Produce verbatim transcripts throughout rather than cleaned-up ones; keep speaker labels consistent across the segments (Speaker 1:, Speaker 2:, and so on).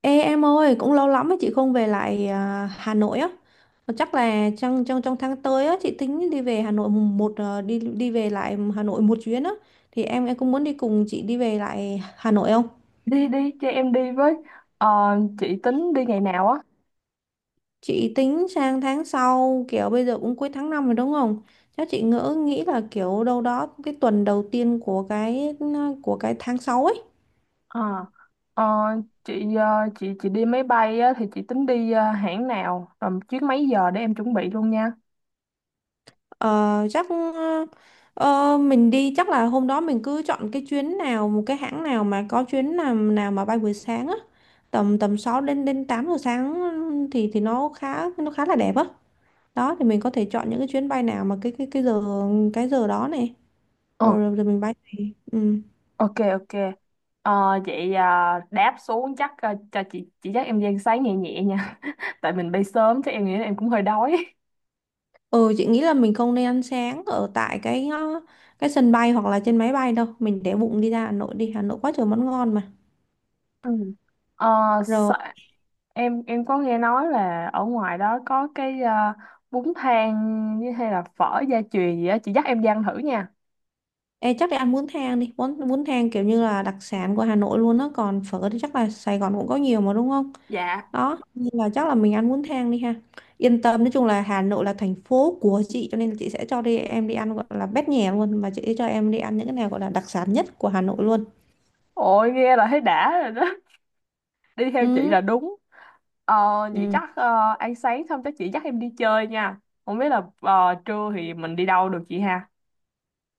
Speaker 1: Ê em ơi, cũng lâu lắm mà chị không về lại à, Hà Nội á. Mà Chắc là trong trong trong tháng tới á chị tính đi về Hà Nội mùng một à, đi đi về lại Hà Nội một chuyến á. Thì em em cũng muốn đi cùng chị đi về lại Hà Nội không?
Speaker 2: đi đi cho em đi với. Ờ, chị tính đi ngày nào á?
Speaker 1: Chị tính sang tháng sau kiểu bây giờ cũng cuối tháng năm rồi đúng không? Chắc chị ngỡ nghĩ là kiểu đâu đó cái tuần đầu tiên của cái ừ, của cái tháng sáu ấy.
Speaker 2: Ờ, ờ, chị ờ, chị chị đi máy bay á, thì chị tính đi ờ, hãng nào, rồi chuyến mấy giờ để em chuẩn bị luôn nha.
Speaker 1: Ờ, chắc ờ, mình đi chắc là hôm đó mình cứ chọn cái chuyến nào, một cái hãng nào mà có chuyến nào nào mà bay buổi sáng á, tầm tầm sáu đến đến tám giờ sáng thì thì nó khá, nó khá là đẹp á. Đó thì mình có thể chọn những cái chuyến bay nào mà cái cái cái giờ cái giờ đó này.
Speaker 2: Ồ,
Speaker 1: Rồi rồi rồi mình bay thì ừ.
Speaker 2: ok ok. Ờ, vậy ờ, đáp xuống chắc ờ, cho chị chị dắt em đi ăn sáng nhẹ nhẹ nha. Tại mình bay sớm chắc em nghĩ là em cũng hơi đói.
Speaker 1: Ừ, chị nghĩ là mình không nên ăn sáng ở tại cái ờ, cái sân bay hoặc là trên máy bay đâu, mình để bụng đi ra Hà Nội, đi Hà Nội quá trời món ngon mà.
Speaker 2: Ừ. Ờ,
Speaker 1: Rồi.
Speaker 2: sa- em em có nghe nói là ở ngoài đó có cái ờ, bún thang với hay là phở gia truyền gì á, chị dắt em đi ăn thử nha.
Speaker 1: Ê, chắc để ăn bún thang đi, bún bún thang kiểu như là đặc sản của Hà Nội luôn đó. Còn phở thì chắc là Sài Gòn cũng có nhiều mà đúng không.
Speaker 2: Dạ.
Speaker 1: Đó nên là chắc là mình ăn bún thang đi ha. Yên tâm, nói chung là Hà Nội là thành phố của chị, cho nên là chị sẽ cho đi em đi ăn gọi là bét nhè luôn, và chị sẽ cho em đi ăn những cái nào gọi là đặc sản nhất của Hà Nội luôn.
Speaker 2: Ôi nghe là thấy đã rồi đó. Đi theo chị
Speaker 1: Ừ.
Speaker 2: là đúng. Ờ, vậy
Speaker 1: Ừ.
Speaker 2: chắc ờ, ăn sáng xong chắc chị dắt em đi chơi nha. Không biết là ờ, trưa thì mình đi đâu được chị ha?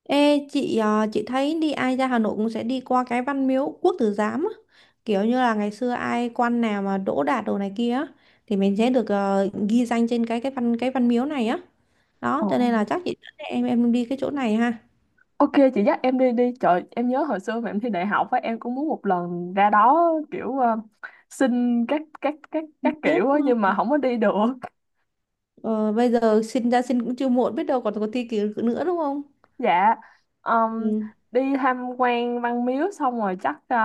Speaker 1: Ê, chị ờ, chị thấy đi ai ra Hà Nội cũng sẽ đi qua cái Văn Miếu Quốc Tử Giám á, kiểu như là ngày xưa ai quan nào mà đỗ đạt đồ này kia á, thì mình sẽ được ờ, ghi danh trên cái cái văn cái văn miếu này á. Đó
Speaker 2: Ồ.
Speaker 1: cho nên là chắc chị dẫn em em đi cái chỗ này ha.
Speaker 2: Ok, chị dắt em đi đi. Trời, em nhớ hồi xưa mà em thi đại học á, em cũng muốn một lần ra đó kiểu ờ, xin các các các
Speaker 1: Không
Speaker 2: các
Speaker 1: tiếc
Speaker 2: kiểu á,
Speaker 1: mà.
Speaker 2: nhưng mà không có đi được.
Speaker 1: Ờ, bây giờ xin ra xin cũng chưa muộn, biết đâu còn có thi kỳ nữa đúng không.
Speaker 2: Dạ, um,
Speaker 1: Ừ.
Speaker 2: đi tham quan Văn Miếu xong rồi chắc ờ,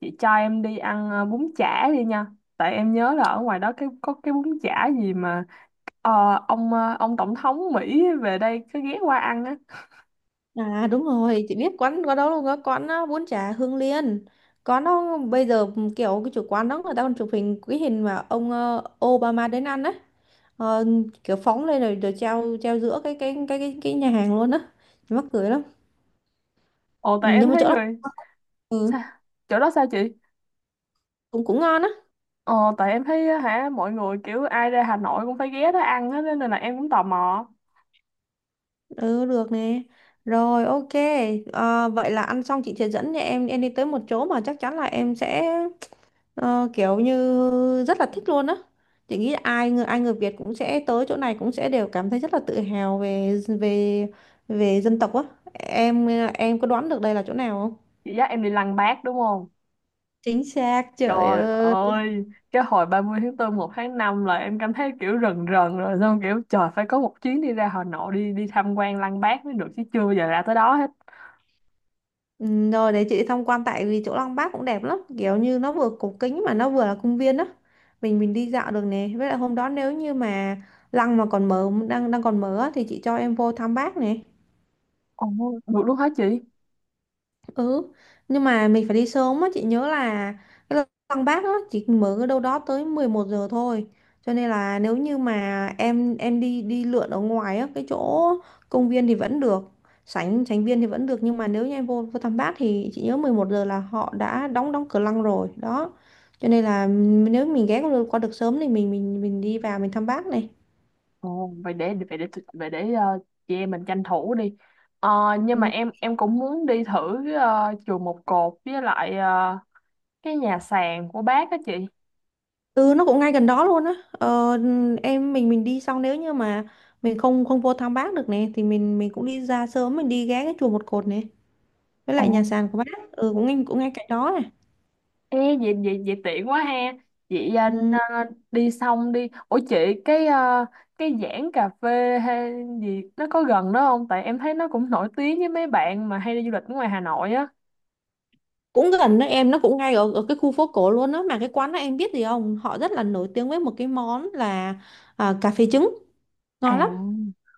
Speaker 2: chị cho em đi ăn ờ, bún chả đi nha. Tại em nhớ là ở ngoài đó cái có cái bún chả gì mà ờ, ông ờ, ông tổng thống Mỹ về đây cứ ghé qua ăn á.
Speaker 1: À đúng rồi, chị biết quán có đâu luôn á, quán á, bún chả Hương Liên. Có, nó bây giờ ừ, kiểu cái chủ quán đó người ta còn chụp hình cái hình mà ông ờ, Obama đến ăn á. Ờ, Kiểu phóng lên rồi rồi treo treo giữa cái cái cái cái, cái nhà hàng luôn á, mắc cười lắm.
Speaker 2: Ồ,
Speaker 1: ừ,
Speaker 2: tại em
Speaker 1: nhưng mà
Speaker 2: thấy
Speaker 1: chỗ đó
Speaker 2: người...
Speaker 1: ừ,
Speaker 2: Sao? Chỗ đó sao chị?
Speaker 1: cũng cũng ngon á.
Speaker 2: Ờ, tại em thấy á, hả, mọi người kiểu ai ra Hà Nội cũng phải ghé đó ăn á, nên là em cũng tò mò.
Speaker 1: Ừ, được nè. Rồi, ok. Ờ, vậy là ăn xong chị sẽ dẫn nhà em em đi tới một chỗ mà chắc chắn là em sẽ ờ, kiểu như rất là thích luôn á. Chị nghĩ là ai người ai người Việt cũng sẽ tới chỗ này cũng sẽ đều cảm thấy rất là tự hào về về về dân tộc á. Em em có đoán được đây là chỗ nào không?
Speaker 2: Chị dắt em đi Lăng Bác đúng không?
Speaker 1: Chính xác, trời
Speaker 2: Trời
Speaker 1: ơi.
Speaker 2: ơi, cái hồi ba mươi tháng tư, một tháng năm là em cảm thấy kiểu rần rần rồi. Xong kiểu trời, phải có một chuyến đi ra Hà Nội đi đi tham quan Lăng Bác mới được chứ, chưa bao giờ ra tới đó hết.
Speaker 1: Ừ, rồi đấy chị đi tham quan, tại vì chỗ Lăng Bác cũng đẹp lắm, kiểu như nó vừa cổ kính mà nó vừa là công viên đó, mình mình đi dạo được nè, với lại hôm đó nếu như mà Lăng mà còn mở, đang đang còn mở á, thì chị cho em vô thăm bác nè.
Speaker 2: Ồ, được luôn hả chị?
Speaker 1: Ừ, nhưng mà mình phải đi sớm á, chị nhớ là cái lăng Bác á chỉ mở ở đâu đó tới mười một giờ thôi. Cho nên là nếu như mà em em đi đi lượn ở ngoài á, cái chỗ công viên thì vẫn được, sảnh sảnh viên thì vẫn được, nhưng mà nếu như em vô vô Tam Bác thì chị nhớ mười một giờ là họ đã đóng đóng cửa lăng rồi, đó. Cho nên là nếu mình ghé qua được qua được sớm thì mình mình mình đi vào mình thăm Bác này.
Speaker 2: Ồ, vậy để vậy để vậy để ờ, chị em mình tranh thủ đi. Ờ,
Speaker 1: Ừ.
Speaker 2: nhưng mà em em cũng muốn đi thử uh, chùa Một Cột với lại ờ, cái nhà sàn của bác á chị.
Speaker 1: Ừ, nó cũng ngay gần đó luôn á. Ờ, em mình mình đi xong nếu như mà mình không không vô thăm bác được nè thì mình mình cũng đi ra sớm, mình đi ghé cái chùa một cột này với
Speaker 2: Ồ.
Speaker 1: lại nhà sàn của bác. Ừ, cũng ngay cũng ngay cạnh đó này.
Speaker 2: Ê, vậy, vậy, vậy tiện quá ha. Chị à, n-
Speaker 1: Ừ.
Speaker 2: à, đi xong đi, ủa chị, cái à, cái Giảng cà phê hay gì nó có gần đó không, tại em thấy nó cũng nổi tiếng với mấy bạn mà hay đi du lịch ở ngoài Hà Nội á.
Speaker 1: Cũng gần đó em, nó cũng ngay ở, ở cái khu phố cổ luôn á, mà cái quán đó em biết gì không? Họ rất là nổi tiếng với một cái món là à, cà phê trứng.
Speaker 2: À,
Speaker 1: Ngon lắm.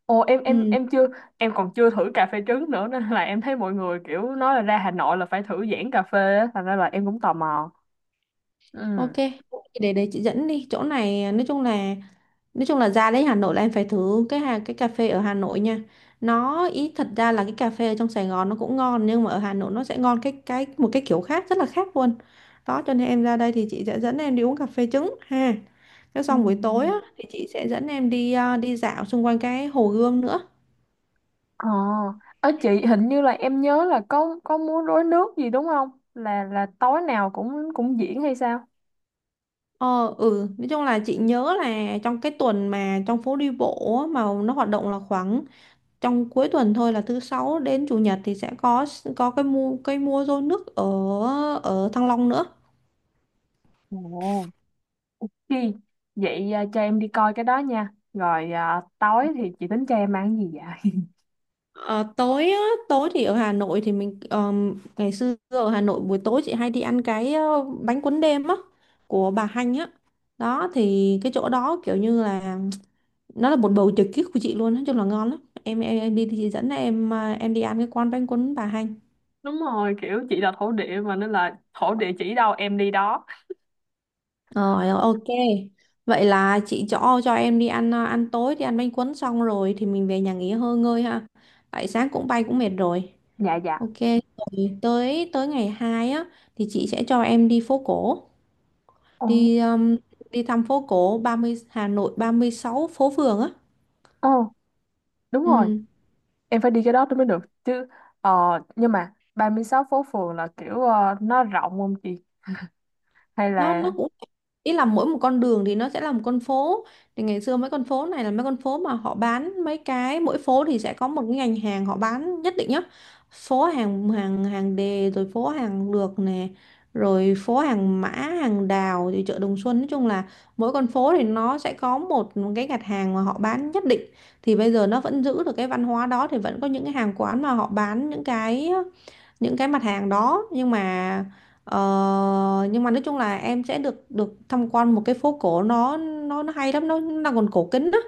Speaker 2: ồ em em
Speaker 1: Ừ,
Speaker 2: em chưa em còn chưa thử cà phê trứng nữa, nên là em thấy mọi người kiểu nói là ra Hà Nội là phải thử Giảng cà phê á, thành ra là em cũng tò mò.
Speaker 1: ok.
Speaker 2: Ừ.
Speaker 1: Để để chị dẫn đi. Chỗ này nói chung là, nói chung là ra đến Hà Nội là em phải thử cái hà- cái cà phê ở Hà Nội nha. Nó ý thật ra là cái cà phê ở trong Sài Gòn nó cũng ngon, nhưng mà ở Hà Nội nó sẽ ngon cái cái một cái kiểu khác, rất là khác luôn. Đó cho nên em ra đây thì chị sẽ dẫn em đi uống cà phê trứng ha. Cái
Speaker 2: Ừ.
Speaker 1: xong buổi tối á, thì chị sẽ dẫn em đi ờ, đi dạo xung quanh cái Hồ Gươm nữa.
Speaker 2: ờ Ở chị hình như là em nhớ là có có múa rối nước gì đúng không, là là tối nào cũng cũng diễn hay sao?
Speaker 1: Ờ ừ, nói chung là chị nhớ là trong cái tuần mà trong phố đi bộ á, mà nó hoạt động là khoảng trong cuối tuần thôi, là thứ sáu đến chủ nhật thì sẽ có có cái mua cây mua rô nước ở ở Thăng Long nữa.
Speaker 2: Ồ. Chị, vậy à, cho em đi coi cái đó nha. Rồi à, tối thì chị tính cho em ăn gì vậy?
Speaker 1: Ờ, Tối á, tối thì ở Hà Nội thì mình ờm, ngày xưa ở Hà Nội buổi tối chị hay đi ăn cái ờ, bánh cuốn đêm á, của bà Hanh á, đó thì cái chỗ đó kiểu như là nó là một bầu trời kiếp của chị luôn, nói chung là ngon lắm em em, em đi thì chị dẫn em à, em đi ăn cái quán bánh cuốn bà Hanh.
Speaker 2: Đúng rồi, kiểu chị là thổ địa mà, nên là thổ địa chỉ đâu em đi đó.
Speaker 1: Rồi, ok. Vậy là chị cho cho em đi ăn à, ăn tối, đi ăn bánh cuốn xong rồi thì mình về nhà nghỉ hơi ngơi ha. Tại sáng cũng bay cũng mệt rồi.
Speaker 2: Dạ dạ.
Speaker 1: Ok, rồi tới tới ngày hai á thì chị sẽ cho em đi phố cổ,
Speaker 2: Ồ.
Speaker 1: đi um, đi thăm phố cổ ba mươi Hà Nội ba mươi sáu phố phường á.
Speaker 2: Ồ, đúng rồi,
Speaker 1: Ừ,
Speaker 2: em phải đi cái đó tôi mới được chứ. Ờ, nhưng mà ba mươi sáu phố phường là kiểu ờ, nó rộng không chị? Hay
Speaker 1: nó nó
Speaker 2: là...
Speaker 1: cũng ý là mỗi một con đường thì nó sẽ là một con phố, thì ngày xưa mấy con phố này là mấy con phố mà họ bán mấy cái, mỗi phố thì sẽ có một cái ngành hàng họ bán nhất định nhá. Phố hàng hàng hàng đề, rồi phố hàng lược nè, rồi phố hàng mã, hàng đào, rồi chợ Đồng Xuân, nói chung là mỗi con phố thì nó sẽ có một cái gạt hàng mà họ bán nhất định. Thì bây giờ nó vẫn giữ được cái văn hóa đó, thì vẫn có những cái hàng quán mà họ bán những cái những cái mặt hàng đó, nhưng mà ờ, nhưng mà nói chung là em sẽ được được tham quan một cái phố cổ, nó nó nó hay lắm, nó, nó đang còn cổ kính đó,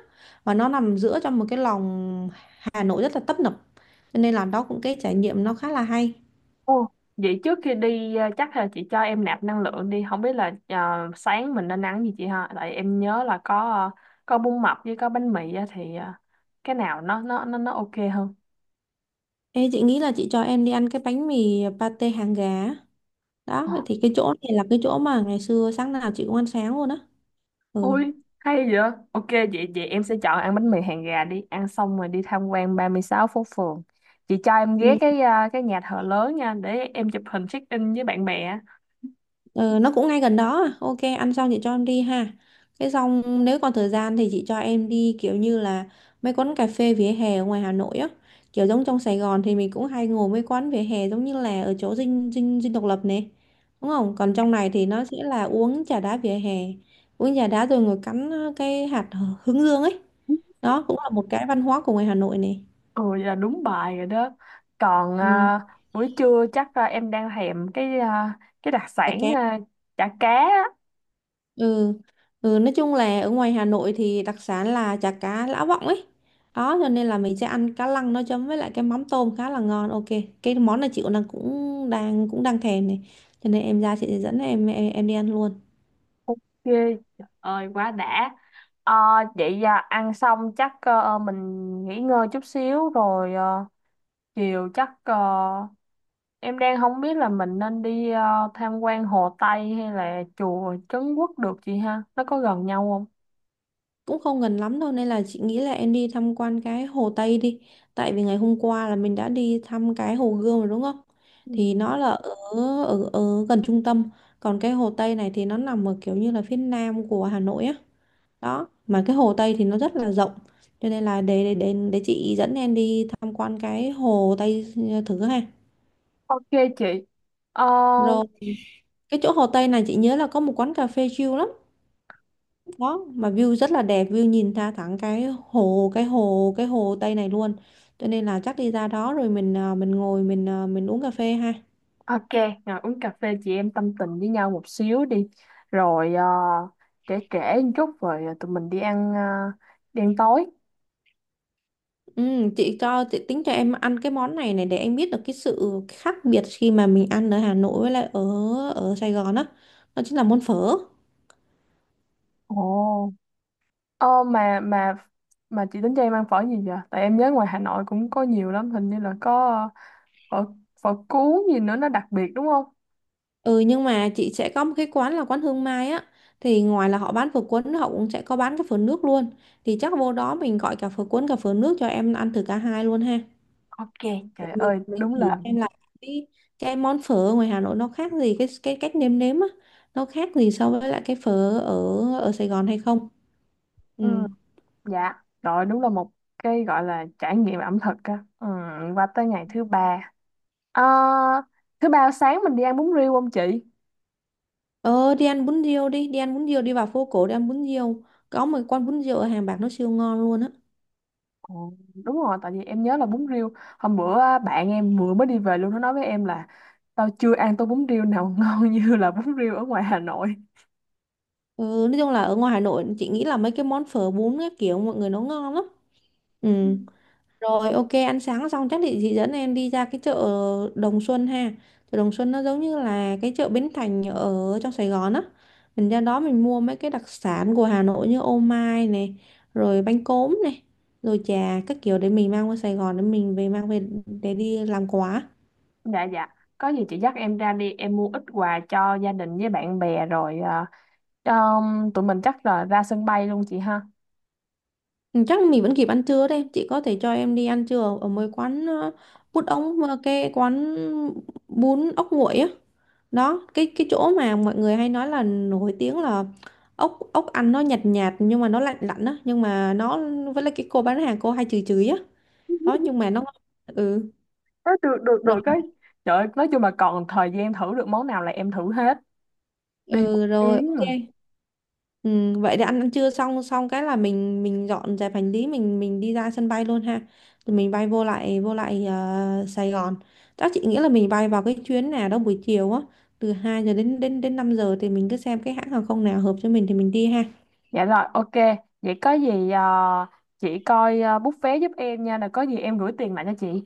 Speaker 1: và nó nằm giữa trong một cái lòng Hà Nội rất là tấp nập, cho nên là đó cũng cái trải nghiệm nó khá là hay.
Speaker 2: Ồ, vậy trước khi đi ờ, chắc là chị cho em nạp năng lượng đi, không biết là ờ, sáng mình nên ăn gì chị ha, tại em nhớ là có ờ, có bún mập với có bánh mì á, thì ờ, cái nào nó nó nó nó ok hơn.
Speaker 1: Ê, chị nghĩ là chị cho em đi ăn cái bánh mì pate hàng gà á, đó
Speaker 2: Ờ,
Speaker 1: thì cái chỗ này là cái chỗ mà ngày xưa sáng nào chị cũng ăn sáng luôn á. Ừ.
Speaker 2: ôi hay vậy, ok, vậy vậy em sẽ chọn ăn bánh mì hàng gà. Đi ăn xong rồi đi tham quan ba mươi sáu phố phường, chị cho em ghé
Speaker 1: Ừ.
Speaker 2: cái ờ, cái nhà thờ lớn nha, để em chụp hình check in với bạn bè.
Speaker 1: Ừ, nó cũng ngay gần đó à. Ok, ăn xong chị cho em đi ha. Cái xong nếu còn thời gian thì chị cho em đi kiểu như là mấy quán cà phê vỉa hè ở ngoài Hà Nội á. Kiểu giống trong Sài Gòn thì mình cũng hay ngồi mấy quán vỉa hè giống như là ở chỗ Dinh Dinh Dinh Độc Lập này. Đúng không? Còn trong này thì nó sẽ là uống trà đá vỉa hè. Uống trà đá rồi ngồi cắn ờ, cái hạt hướng dương ấy. Đó cũng là một cái văn hóa của ngoài Hà Nội này.
Speaker 2: Ừ, vậy là đúng bài rồi đó. Còn
Speaker 1: Ừ.
Speaker 2: à, buổi trưa chắc à, em đang thèm cái à, cái đặc
Speaker 1: Chả
Speaker 2: sản
Speaker 1: cá.
Speaker 2: à, chả cá. Á.
Speaker 1: Ừ. Ừ, nói chung là ở ngoài Hà Nội thì đặc sản là chả cá Lã Vọng ấy đó, cho nên là mình sẽ ăn cá lăng nó chấm với lại cái mắm tôm khá là ngon. Ok, cái món này chị cũng đang cũng đang cũng đang thèm này, cho nên em ra chị sẽ dẫn em, em em đi ăn luôn.
Speaker 2: Ok, trời ơi quá đã. Ờ, vậy à, ăn xong chắc ờ, mình nghỉ ngơi chút xíu rồi ờ, chiều chắc ờ, em đang không biết là mình nên đi ờ, tham quan Hồ Tây hay là chùa Trấn Quốc được chị ha? Nó có gần nhau không?
Speaker 1: Cũng không gần lắm đâu nên là chị nghĩ là em đi tham quan cái Hồ Tây đi, tại vì ngày hôm qua là mình đã đi thăm cái Hồ Gươm rồi đúng không.
Speaker 2: Ừ.
Speaker 1: Thì nó là ở ở, ở gần trung tâm, còn cái Hồ Tây này thì nó nằm ở kiểu như là phía nam của Hà Nội á. Đó mà cái Hồ Tây thì nó rất là rộng, cho nên là để để để, để chị dẫn em đi tham quan cái Hồ Tây ờ, thử ha.
Speaker 2: Ok chị. Ờ.
Speaker 1: Rồi, cái chỗ Hồ Tây này chị nhớ là có một quán cà phê chill lắm đó, mà view rất là đẹp, view nhìn ra thẳng cái hồ cái hồ cái Hồ Tây này luôn. Cho nên là chắc đi ra đó rồi mình à, mình ngồi, mình à, mình uống cà phê ha.
Speaker 2: Ok, ngồi uống cà phê chị em tâm tình với nhau một xíu đi. Rồi ờ, trễ trễ một chút rồi tụi mình đi ăn ờ, đi ăn tối.
Speaker 1: Ừ, chị cho chị tính cho em ăn cái món này này để em biết được cái sự khác biệt khi mà mình ăn ở Hà Nội với lại ở ở Sài Gòn á đó. Đó chính là món phở.
Speaker 2: Ồ. Ờ mà mà mà chị tính cho em ăn phở gì vậy? Tại em nhớ ngoài Hà Nội cũng có nhiều lắm, hình như là có ờ, phở phở cuốn gì nữa, nó đặc biệt đúng không?
Speaker 1: Ừ, nhưng mà chị sẽ có một cái quán là quán Hương Mai á. Thì ngoài là họ bán phở cuốn, họ cũng sẽ có bán cái phở nước luôn. Thì chắc vô đó mình gọi cả phở cuốn cả phở nước, cho em ăn thử cả hai luôn ha.
Speaker 2: Ok,
Speaker 1: Để
Speaker 2: trời
Speaker 1: Mình
Speaker 2: ơi,
Speaker 1: mình
Speaker 2: đúng
Speaker 1: thử
Speaker 2: là...
Speaker 1: xem là cái, cái món phở ở ngoài Hà Nội nó khác gì Cái cái cách nêm nếm á. Nó khác gì so với lại cái phở ở ở Sài Gòn hay không. Ừ.
Speaker 2: Ừ. Dạ, rồi đúng là một cái gọi là trải nghiệm ẩm thực á. Ừ, qua tới ngày thứ ba. Ờ, thứ ba sáng mình đi ăn bún riêu không chị?
Speaker 1: Ờ đi ăn bún riêu đi, đi ăn bún riêu, đi vào phố cổ đi ăn bún riêu. Có một quán bún riêu ở Hàng Bạc nó siêu ngon luôn á.
Speaker 2: Ồ, đúng rồi, tại vì em nhớ là bún riêu hôm bữa á, bạn em vừa mới đi về luôn, nó nói với em là tao chưa ăn tô bún riêu nào ngon như là bún riêu ở ngoài Hà Nội.
Speaker 1: Ừ, nói chung là ở ngoài Hà Nội chị nghĩ là mấy cái món phở bún các kiểu mọi người nó ngon lắm. Ừ.
Speaker 2: Ừ.
Speaker 1: Rồi ok, ăn sáng xong chắc thì chị dẫn em đi ra cái chợ Đồng Xuân ha. Chợ Đồng Xuân nó giống như là cái chợ Bến Thành ở trong Sài Gòn á. Mình ra đó mình mua mấy cái đặc sản của Hà Nội như ô mai này, rồi bánh cốm này, rồi trà các kiểu để mình mang qua Sài Gòn, để mình về mang về để đi làm quà.
Speaker 2: Dạ dạ, có gì chị dắt em ra đi, em mua ít quà cho gia đình với bạn bè, rồi à, um, tụi mình chắc là ra sân bay luôn chị ha.
Speaker 1: Ừ, chắc mình vẫn kịp ăn trưa đấy, chị có thể cho em đi ăn trưa ở ở mấy quán ờ, bún ống, ờ, cái quán bún ốc nguội á. Đó, cái cái chỗ mà mọi người hay nói là nổi tiếng là ốc ốc ăn nó nhạt nhạt nhưng mà nó lạnh lạnh á, nhưng mà nó với lại cái cô bán hàng cô hay chửi chửi á. Đó nhưng mà nó ngon. Ừ.
Speaker 2: Ờ, được được được cái, trời ơi, nói chung là còn thời gian thử được món nào là em thử hết, đi một
Speaker 1: Ừ rồi
Speaker 2: chuyến mà.
Speaker 1: ok. Ừ, vậy để ăn ăn trưa xong xong cái là mình mình dọn dẹp hành lý, mình mình đi ra sân bay luôn ha. Rồi mình bay vô lại vô lại ờ, Sài Gòn. Chắc chị nghĩ là mình bay vào cái chuyến nào đó buổi chiều á, từ hai giờ đến đến đến năm giờ thì mình cứ xem cái hãng hàng không nào hợp cho mình thì mình đi ha.
Speaker 2: Dạ rồi, ok, vậy có gì à, chị coi à, book vé giúp em nha, là có gì em gửi tiền lại cho chị.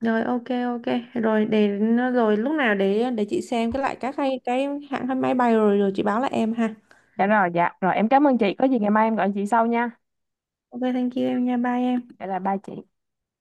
Speaker 1: Rồi ok ok, rồi để, rồi lúc nào để để chị xem cái lại các cái cái hãng máy bay rồi rồi chị báo lại em ha.
Speaker 2: Dạ rồi, dạ. Rồi em cảm ơn chị. Có gì ngày mai em gọi chị sau nha.
Speaker 1: Ok, thank you em nha, bye em.
Speaker 2: Dạ, là ba chị.